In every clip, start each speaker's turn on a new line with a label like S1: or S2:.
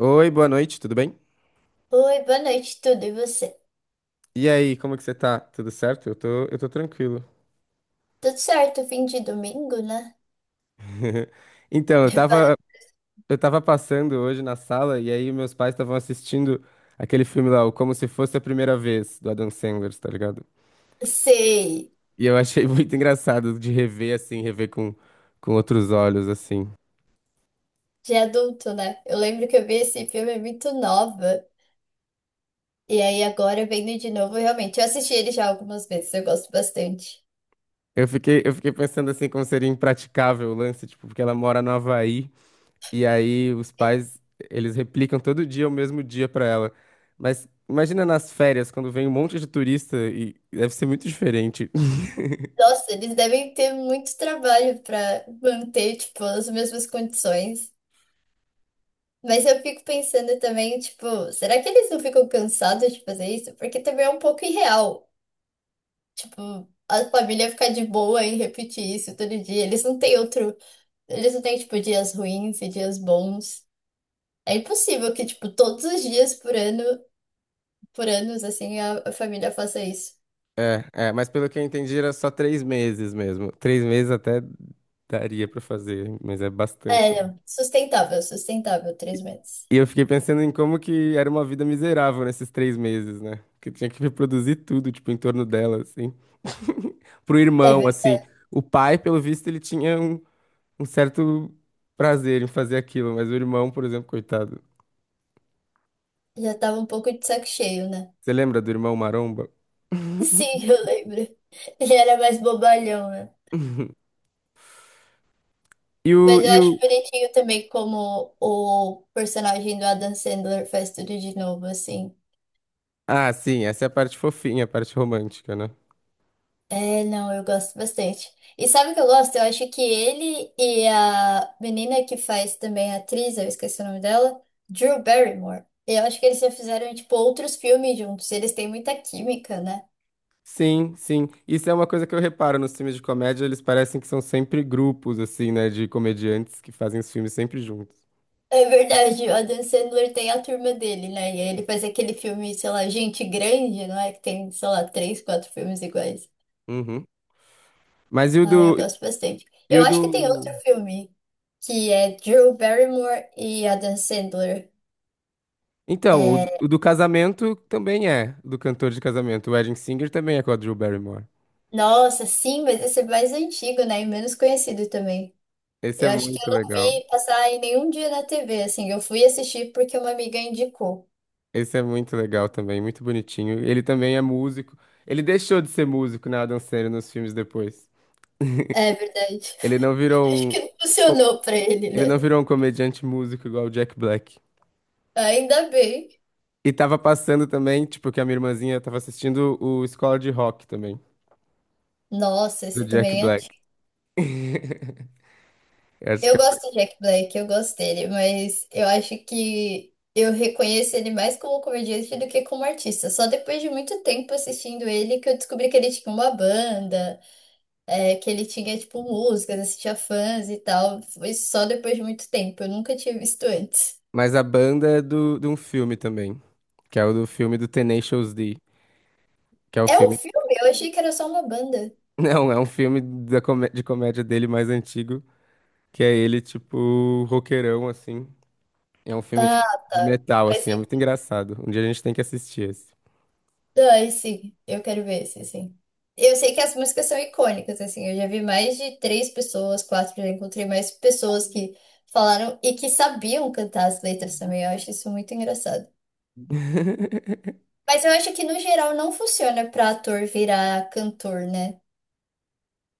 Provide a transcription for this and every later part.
S1: Oi, boa noite, tudo bem?
S2: Oi, boa noite, tudo e você?
S1: E aí, como que você tá? Tudo certo? Eu tô tranquilo.
S2: Tudo certo, fim de domingo, né?
S1: Então,
S2: prepara
S1: eu tava passando hoje na sala e aí meus pais estavam assistindo aquele filme lá, o Como Se Fosse a Primeira Vez, do Adam Sandler, tá ligado?
S2: Sei,
S1: E eu achei muito engraçado de rever assim, com outros olhos, assim.
S2: de adulto, né? Eu lembro que eu vi esse filme muito nova. E aí agora vendo de novo, realmente. Eu assisti ele já algumas vezes, eu gosto bastante.
S1: Eu fiquei pensando assim como seria impraticável o lance, tipo, porque ela mora no Havaí. E aí os pais, eles replicam todo dia o mesmo dia pra ela. Mas imagina nas férias, quando vem um monte de turista e deve ser muito diferente.
S2: Nossa, eles devem ter muito trabalho pra manter, tipo, as mesmas condições. Mas eu fico pensando também, tipo, será que eles não ficam cansados de fazer isso? Porque também é um pouco irreal. Tipo, a família ficar de boa em repetir isso todo dia. Eles não têm outro. Eles não têm, tipo, dias ruins e dias bons. É impossível que, tipo, todos os dias por ano, por anos, assim, a família faça isso.
S1: É, é, mas pelo que eu entendi era só três meses mesmo. Três meses até daria pra fazer, mas é bastante
S2: É,
S1: também.
S2: não. Sustentável, sustentável, 3 meses.
S1: E eu fiquei pensando em como que era uma vida miserável nesses três meses, né? Que tinha que reproduzir tudo, tipo, em torno dela, assim. Pro
S2: É,
S1: irmão, assim. O pai, pelo visto, ele tinha um certo prazer em fazer aquilo, mas o irmão, por exemplo, coitado.
S2: já tava um pouco de saco cheio, né?
S1: Você lembra do irmão Maromba?
S2: Sim, eu lembro. Ele era mais bobalhão, né?
S1: E o,
S2: Mas eu
S1: e o...
S2: acho bonitinho também como o personagem do Adam Sandler faz tudo de novo, assim.
S1: Ah, sim, essa é a parte fofinha, a parte romântica, né?
S2: É, não, eu gosto bastante. E sabe o que eu gosto? Eu acho que ele e a menina que faz também a atriz, eu esqueci o nome dela, Drew Barrymore. Eu acho que eles já fizeram, tipo, outros filmes juntos. Eles têm muita química, né?
S1: Sim, sim. Isso é uma coisa que eu reparo nos filmes de comédia, eles parecem que são sempre grupos, assim, né, de comediantes que fazem os filmes sempre juntos.
S2: É verdade, o Adam Sandler tem a turma dele, né? E aí ele faz aquele filme, sei lá, Gente Grande, não é? Que tem, sei lá, três, quatro filmes iguais.
S1: Uhum. Mas e o
S2: Ah, eu
S1: do...
S2: gosto bastante.
S1: E
S2: Eu
S1: o
S2: acho que tem
S1: do...
S2: outro filme que é Drew Barrymore e Adam Sandler.
S1: Então,
S2: É,
S1: o do casamento também é, do cantor de casamento. O Wedding Singer também é com a Drew Barrymore.
S2: nossa, sim, mas esse é mais antigo, né? E menos conhecido também.
S1: Esse é
S2: Eu acho que eu
S1: muito
S2: não
S1: legal.
S2: vi passar em nenhum dia na TV, assim. Eu fui assistir porque uma amiga indicou.
S1: Esse é muito legal também, muito bonitinho. Ele também é músico. Ele deixou de ser músico na Adam Sandler nos filmes depois.
S2: É verdade.
S1: Ele não virou
S2: Acho
S1: um
S2: que não
S1: co-
S2: funcionou pra ele,
S1: ele
S2: né?
S1: não virou um comediante músico igual o Jack Black.
S2: Ainda bem.
S1: E tava passando também, tipo, que a minha irmãzinha tava assistindo o Escola de Rock também,
S2: Nossa,
S1: do
S2: esse
S1: Jack
S2: também é
S1: Black.
S2: antigo.
S1: Eu acho que
S2: Eu
S1: é...
S2: gosto do Jack Black, eu gosto dele, mas eu acho que eu reconheço ele mais como comediante do que como artista. Só depois de muito tempo assistindo ele que eu descobri que ele tinha uma banda. É, que ele tinha, tipo, músicas, assistia fãs e tal. Foi só depois de muito tempo. Eu nunca tinha visto antes.
S1: Mas a banda é de um filme também, que é o do filme do Tenacious D, que é o
S2: É um
S1: filme...
S2: filme? Eu achei que era só uma banda.
S1: Não, é um filme de comédia dele mais antigo, que é ele, tipo, roqueirão, assim. É um filme
S2: Ah,
S1: tipo de metal,
S2: vai
S1: assim, é
S2: ser.
S1: muito engraçado. Um dia a gente tem que assistir esse.
S2: Ah, sim. Eu quero ver esse, sim. Eu sei que as músicas são icônicas, assim. Eu já vi mais de três pessoas, quatro, já encontrei mais pessoas que falaram e que sabiam cantar as letras também. Eu acho isso muito engraçado. Mas eu acho que no geral não funciona pra ator virar cantor, né?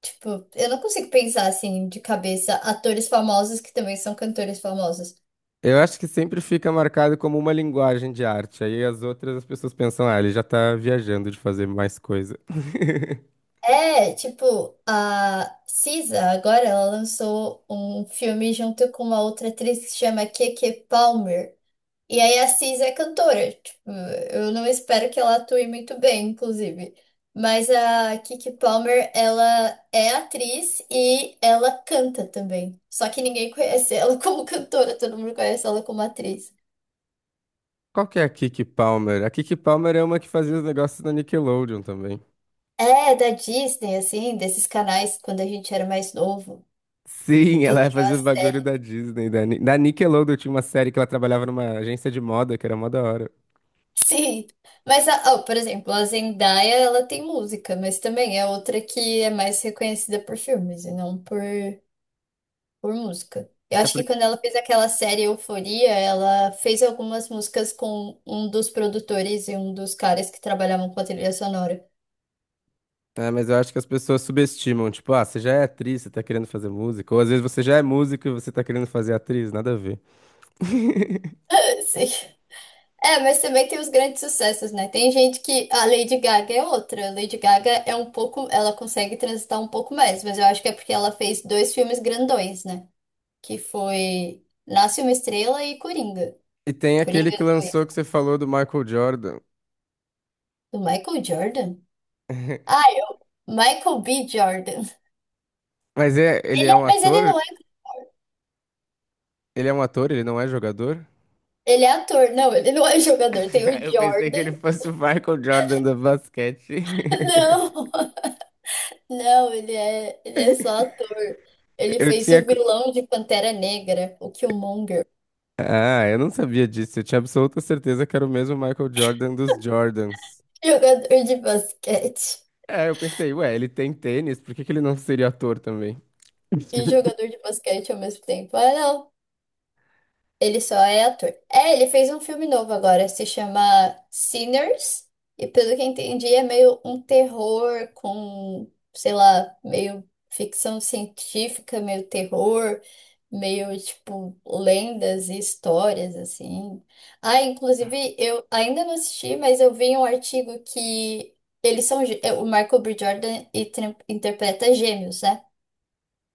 S2: Tipo, eu não consigo pensar assim de cabeça atores famosos que também são cantores famosos.
S1: Eu acho que sempre fica marcado como uma linguagem de arte. Aí as pessoas pensam, ah, ele já tá viajando de fazer mais coisa.
S2: É, tipo, a Cisa agora ela lançou um filme junto com uma outra atriz que se chama Keke Palmer. E aí a Cisa é cantora. Tipo, eu não espero que ela atue muito bem, inclusive. Mas a Keke Palmer, ela é atriz e ela canta também. Só que ninguém conhece ela como cantora, todo mundo conhece ela como atriz.
S1: Qual que é a Kiki Palmer? A Kiki Palmer é uma que fazia os negócios da Nickelodeon também.
S2: É, da Disney, assim, desses canais quando a gente era mais novo,
S1: Sim,
S2: que
S1: ela
S2: tinha
S1: fazia
S2: as
S1: os bagulho
S2: séries.
S1: da Disney, da Nickelodeon. Tinha uma série que ela trabalhava numa agência de moda, que era mó da hora.
S2: Sim, mas, ó, por exemplo, a Zendaya, ela tem música, mas também é outra que é mais reconhecida por filmes e não por, por música. Eu
S1: É
S2: acho que
S1: porque
S2: quando ela fez aquela série Euforia, ela fez algumas músicas com um dos produtores e um dos caras que trabalhavam com a trilha sonora.
S1: É, mas eu acho que as pessoas subestimam, tipo, ah, você já é atriz, você tá querendo fazer música, ou às vezes você já é músico e você tá querendo fazer atriz, nada a ver.
S2: Sim. É, mas também tem os grandes sucessos, né? Tem gente que a Lady Gaga é outra. A Lady Gaga é um pouco, ela consegue transitar um pouco mais, mas eu acho que é porque ela fez dois filmes grandões, né? Que foi Nasce uma Estrela e Coringa.
S1: E tem aquele
S2: Coringa
S1: que
S2: dois
S1: lançou que você falou do Michael Jordan.
S2: do Michael Jordan? Ah, eu, Michael B. Jordan.
S1: Mas é, ele é um
S2: Mas ele
S1: ator?
S2: não é,
S1: Ele é um ator, ele não é jogador?
S2: ele é ator, não, ele não é jogador. Tem o
S1: Eu pensei que ele
S2: Jordan.
S1: fosse o Michael Jordan do basquete.
S2: Não. Não, ele é só ator. Ele
S1: Eu
S2: fez
S1: tinha.
S2: o
S1: cu-
S2: vilão de Pantera Negra, o Killmonger.
S1: Ah, eu não sabia disso. Eu tinha absoluta certeza que era o mesmo Michael Jordan dos Jordans.
S2: Jogador de basquete
S1: É, eu pensei, ué, ele tem tênis, por que que ele não seria ator também?
S2: e jogador de basquete ao mesmo tempo. Ah, não. Ele só é ator. É, ele fez um filme novo agora, se chama Sinners. E pelo que entendi, é meio um terror com, sei lá, meio ficção científica, meio terror, meio tipo lendas e histórias assim. Ah, inclusive, eu ainda não assisti, mas eu vi um artigo que eles são é, o Michael B. Jordan e interpreta gêmeos, né?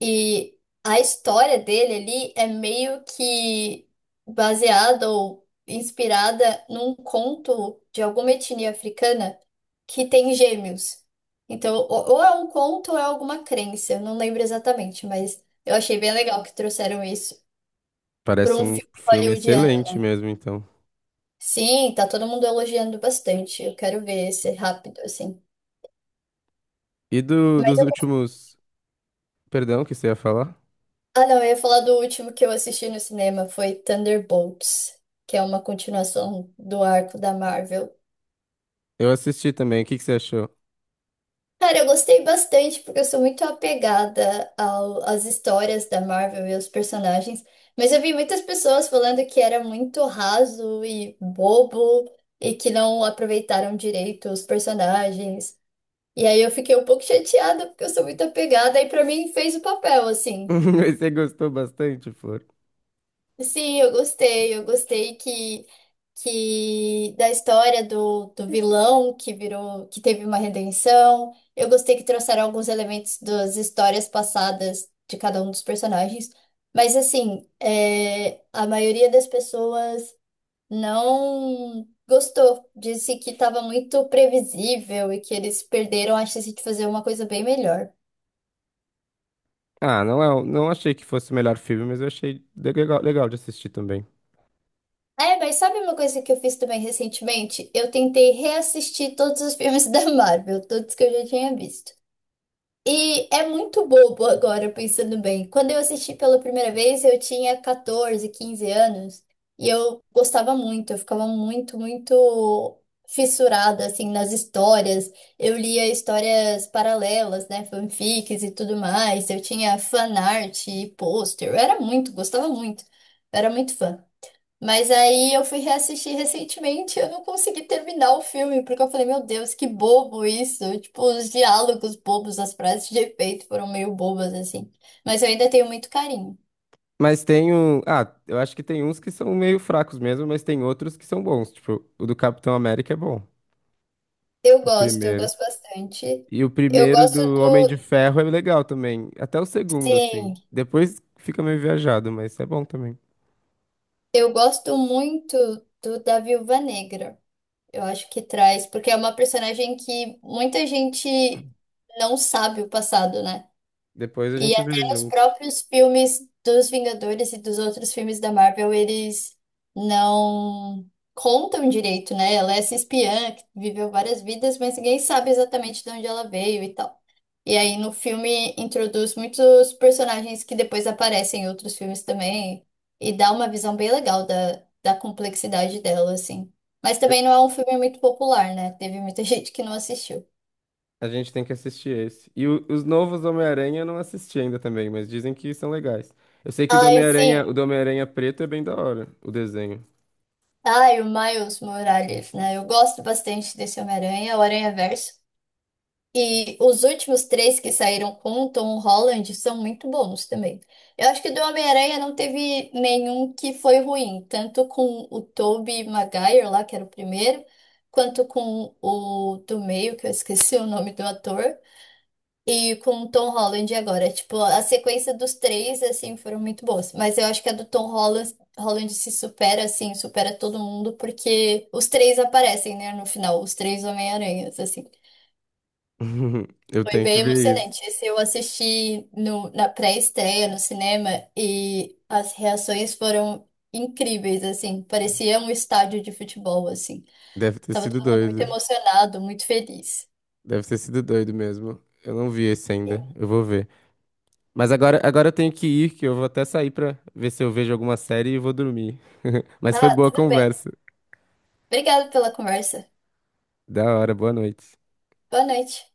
S2: E a história dele ali é meio que baseada ou inspirada num conto de alguma etnia africana que tem gêmeos. Então, ou é um conto ou é alguma crença, eu não lembro exatamente, mas eu achei bem legal que trouxeram isso para
S1: Parece
S2: um
S1: um
S2: filme
S1: filme
S2: hollywoodiano.
S1: excelente mesmo, então.
S2: Sim, tá todo mundo elogiando bastante. Eu quero ver esse rápido, assim. Mas
S1: Dos
S2: eu
S1: últimos. Perdão, o que você ia falar?
S2: Ah, não, eu ia falar do último que eu assisti no cinema, foi Thunderbolts, que é uma continuação do arco da Marvel.
S1: Eu assisti também. O que que você achou?
S2: Cara, eu gostei bastante porque eu sou muito apegada às histórias da Marvel e aos personagens, mas eu vi muitas pessoas falando que era muito raso e bobo e que não aproveitaram direito os personagens. E aí eu fiquei um pouco chateada porque eu sou muito apegada e pra mim fez o papel, assim.
S1: Você gostou bastante, Flor?
S2: Sim, eu gostei. Eu gostei que da história do vilão que virou, que teve uma redenção. Eu gostei que trouxeram alguns elementos das histórias passadas de cada um dos personagens. Mas assim, é, a maioria das pessoas não gostou. Disse que estava muito previsível e que eles perderam a chance de fazer uma coisa bem melhor.
S1: Ah, não é, não achei que fosse o melhor filme, mas eu achei legal, legal de assistir também.
S2: É, mas sabe uma coisa que eu fiz também recentemente? Eu tentei reassistir todos os filmes da Marvel, todos que eu já tinha visto. E é muito bobo agora, pensando bem. Quando eu assisti pela primeira vez, eu tinha 14, 15 anos. E eu gostava muito, eu ficava muito, muito fissurada, assim, nas histórias. Eu lia histórias paralelas, né? Fanfics e tudo mais. Eu tinha fanart e pôster. Eu era muito, gostava muito. Eu era muito fã. Mas aí eu fui reassistir recentemente e eu não consegui terminar o filme, porque eu falei, meu Deus, que bobo isso. Tipo, os diálogos bobos, as frases de efeito foram meio bobas, assim. Mas eu ainda tenho muito carinho.
S1: Mas tem um. Ah, eu acho que tem uns que são meio fracos mesmo, mas tem outros que são bons. Tipo, o do Capitão América é bom. O
S2: Eu
S1: primeiro.
S2: gosto bastante.
S1: E o
S2: Eu
S1: primeiro
S2: gosto
S1: do Homem de
S2: do.
S1: Ferro é legal também. Até o segundo, assim.
S2: Sim,
S1: Depois fica meio viajado, mas é bom também.
S2: eu gosto muito do da Viúva Negra. Eu acho que traz, porque é uma personagem que muita gente não sabe o passado, né?
S1: Depois a
S2: E
S1: gente
S2: até
S1: vê
S2: nos
S1: junto.
S2: próprios filmes dos Vingadores e dos outros filmes da Marvel, eles não contam direito, né? Ela é essa espiã que viveu várias vidas, mas ninguém sabe exatamente de onde ela veio e tal. E aí no filme introduz muitos personagens que depois aparecem em outros filmes também e dá uma visão bem legal da complexidade dela, assim. Mas
S1: Eu-
S2: também não é um filme muito popular, né? Teve muita gente que não assistiu.
S1: A gente tem que assistir esse. Os novos Homem-Aranha eu não assisti ainda também, mas dizem que são legais. Eu sei que
S2: Ai, sim.
S1: O do Homem-Aranha preto é bem da hora, o desenho.
S2: Ai, o Miles Morales, né? Eu gosto bastante desse Homem-Aranha, o Aranha-Verso. E os últimos três que saíram com o Tom Holland são muito bons também. Eu acho que do Homem-Aranha não teve nenhum que foi ruim, tanto com o Tobey Maguire lá, que era o primeiro, quanto com o do meio, que eu esqueci o nome do ator. E com o Tom Holland agora. Tipo, a sequência dos três, assim, foram muito boas. Mas eu acho que a do Tom Holland se supera, assim, supera todo mundo, porque os três aparecem, né, no final, os três Homem-Aranhas, assim.
S1: Eu
S2: Foi
S1: tenho que
S2: bem
S1: ver isso.
S2: emocionante. Esse eu assisti na pré-estreia no cinema e as reações foram incríveis, assim. Parecia um estádio de futebol, assim.
S1: Deve ter
S2: Tava
S1: sido
S2: todo mundo muito
S1: doido.
S2: emocionado, muito feliz.
S1: Deve ter sido doido mesmo. Eu não vi esse ainda. Eu vou ver. Mas agora, agora eu tenho que ir, que eu vou até sair pra ver se eu vejo alguma série e vou dormir. Mas foi
S2: Ah,
S1: boa a
S2: tudo bem.
S1: conversa.
S2: Obrigada pela conversa.
S1: Da hora, boa noite.
S2: Boa noite.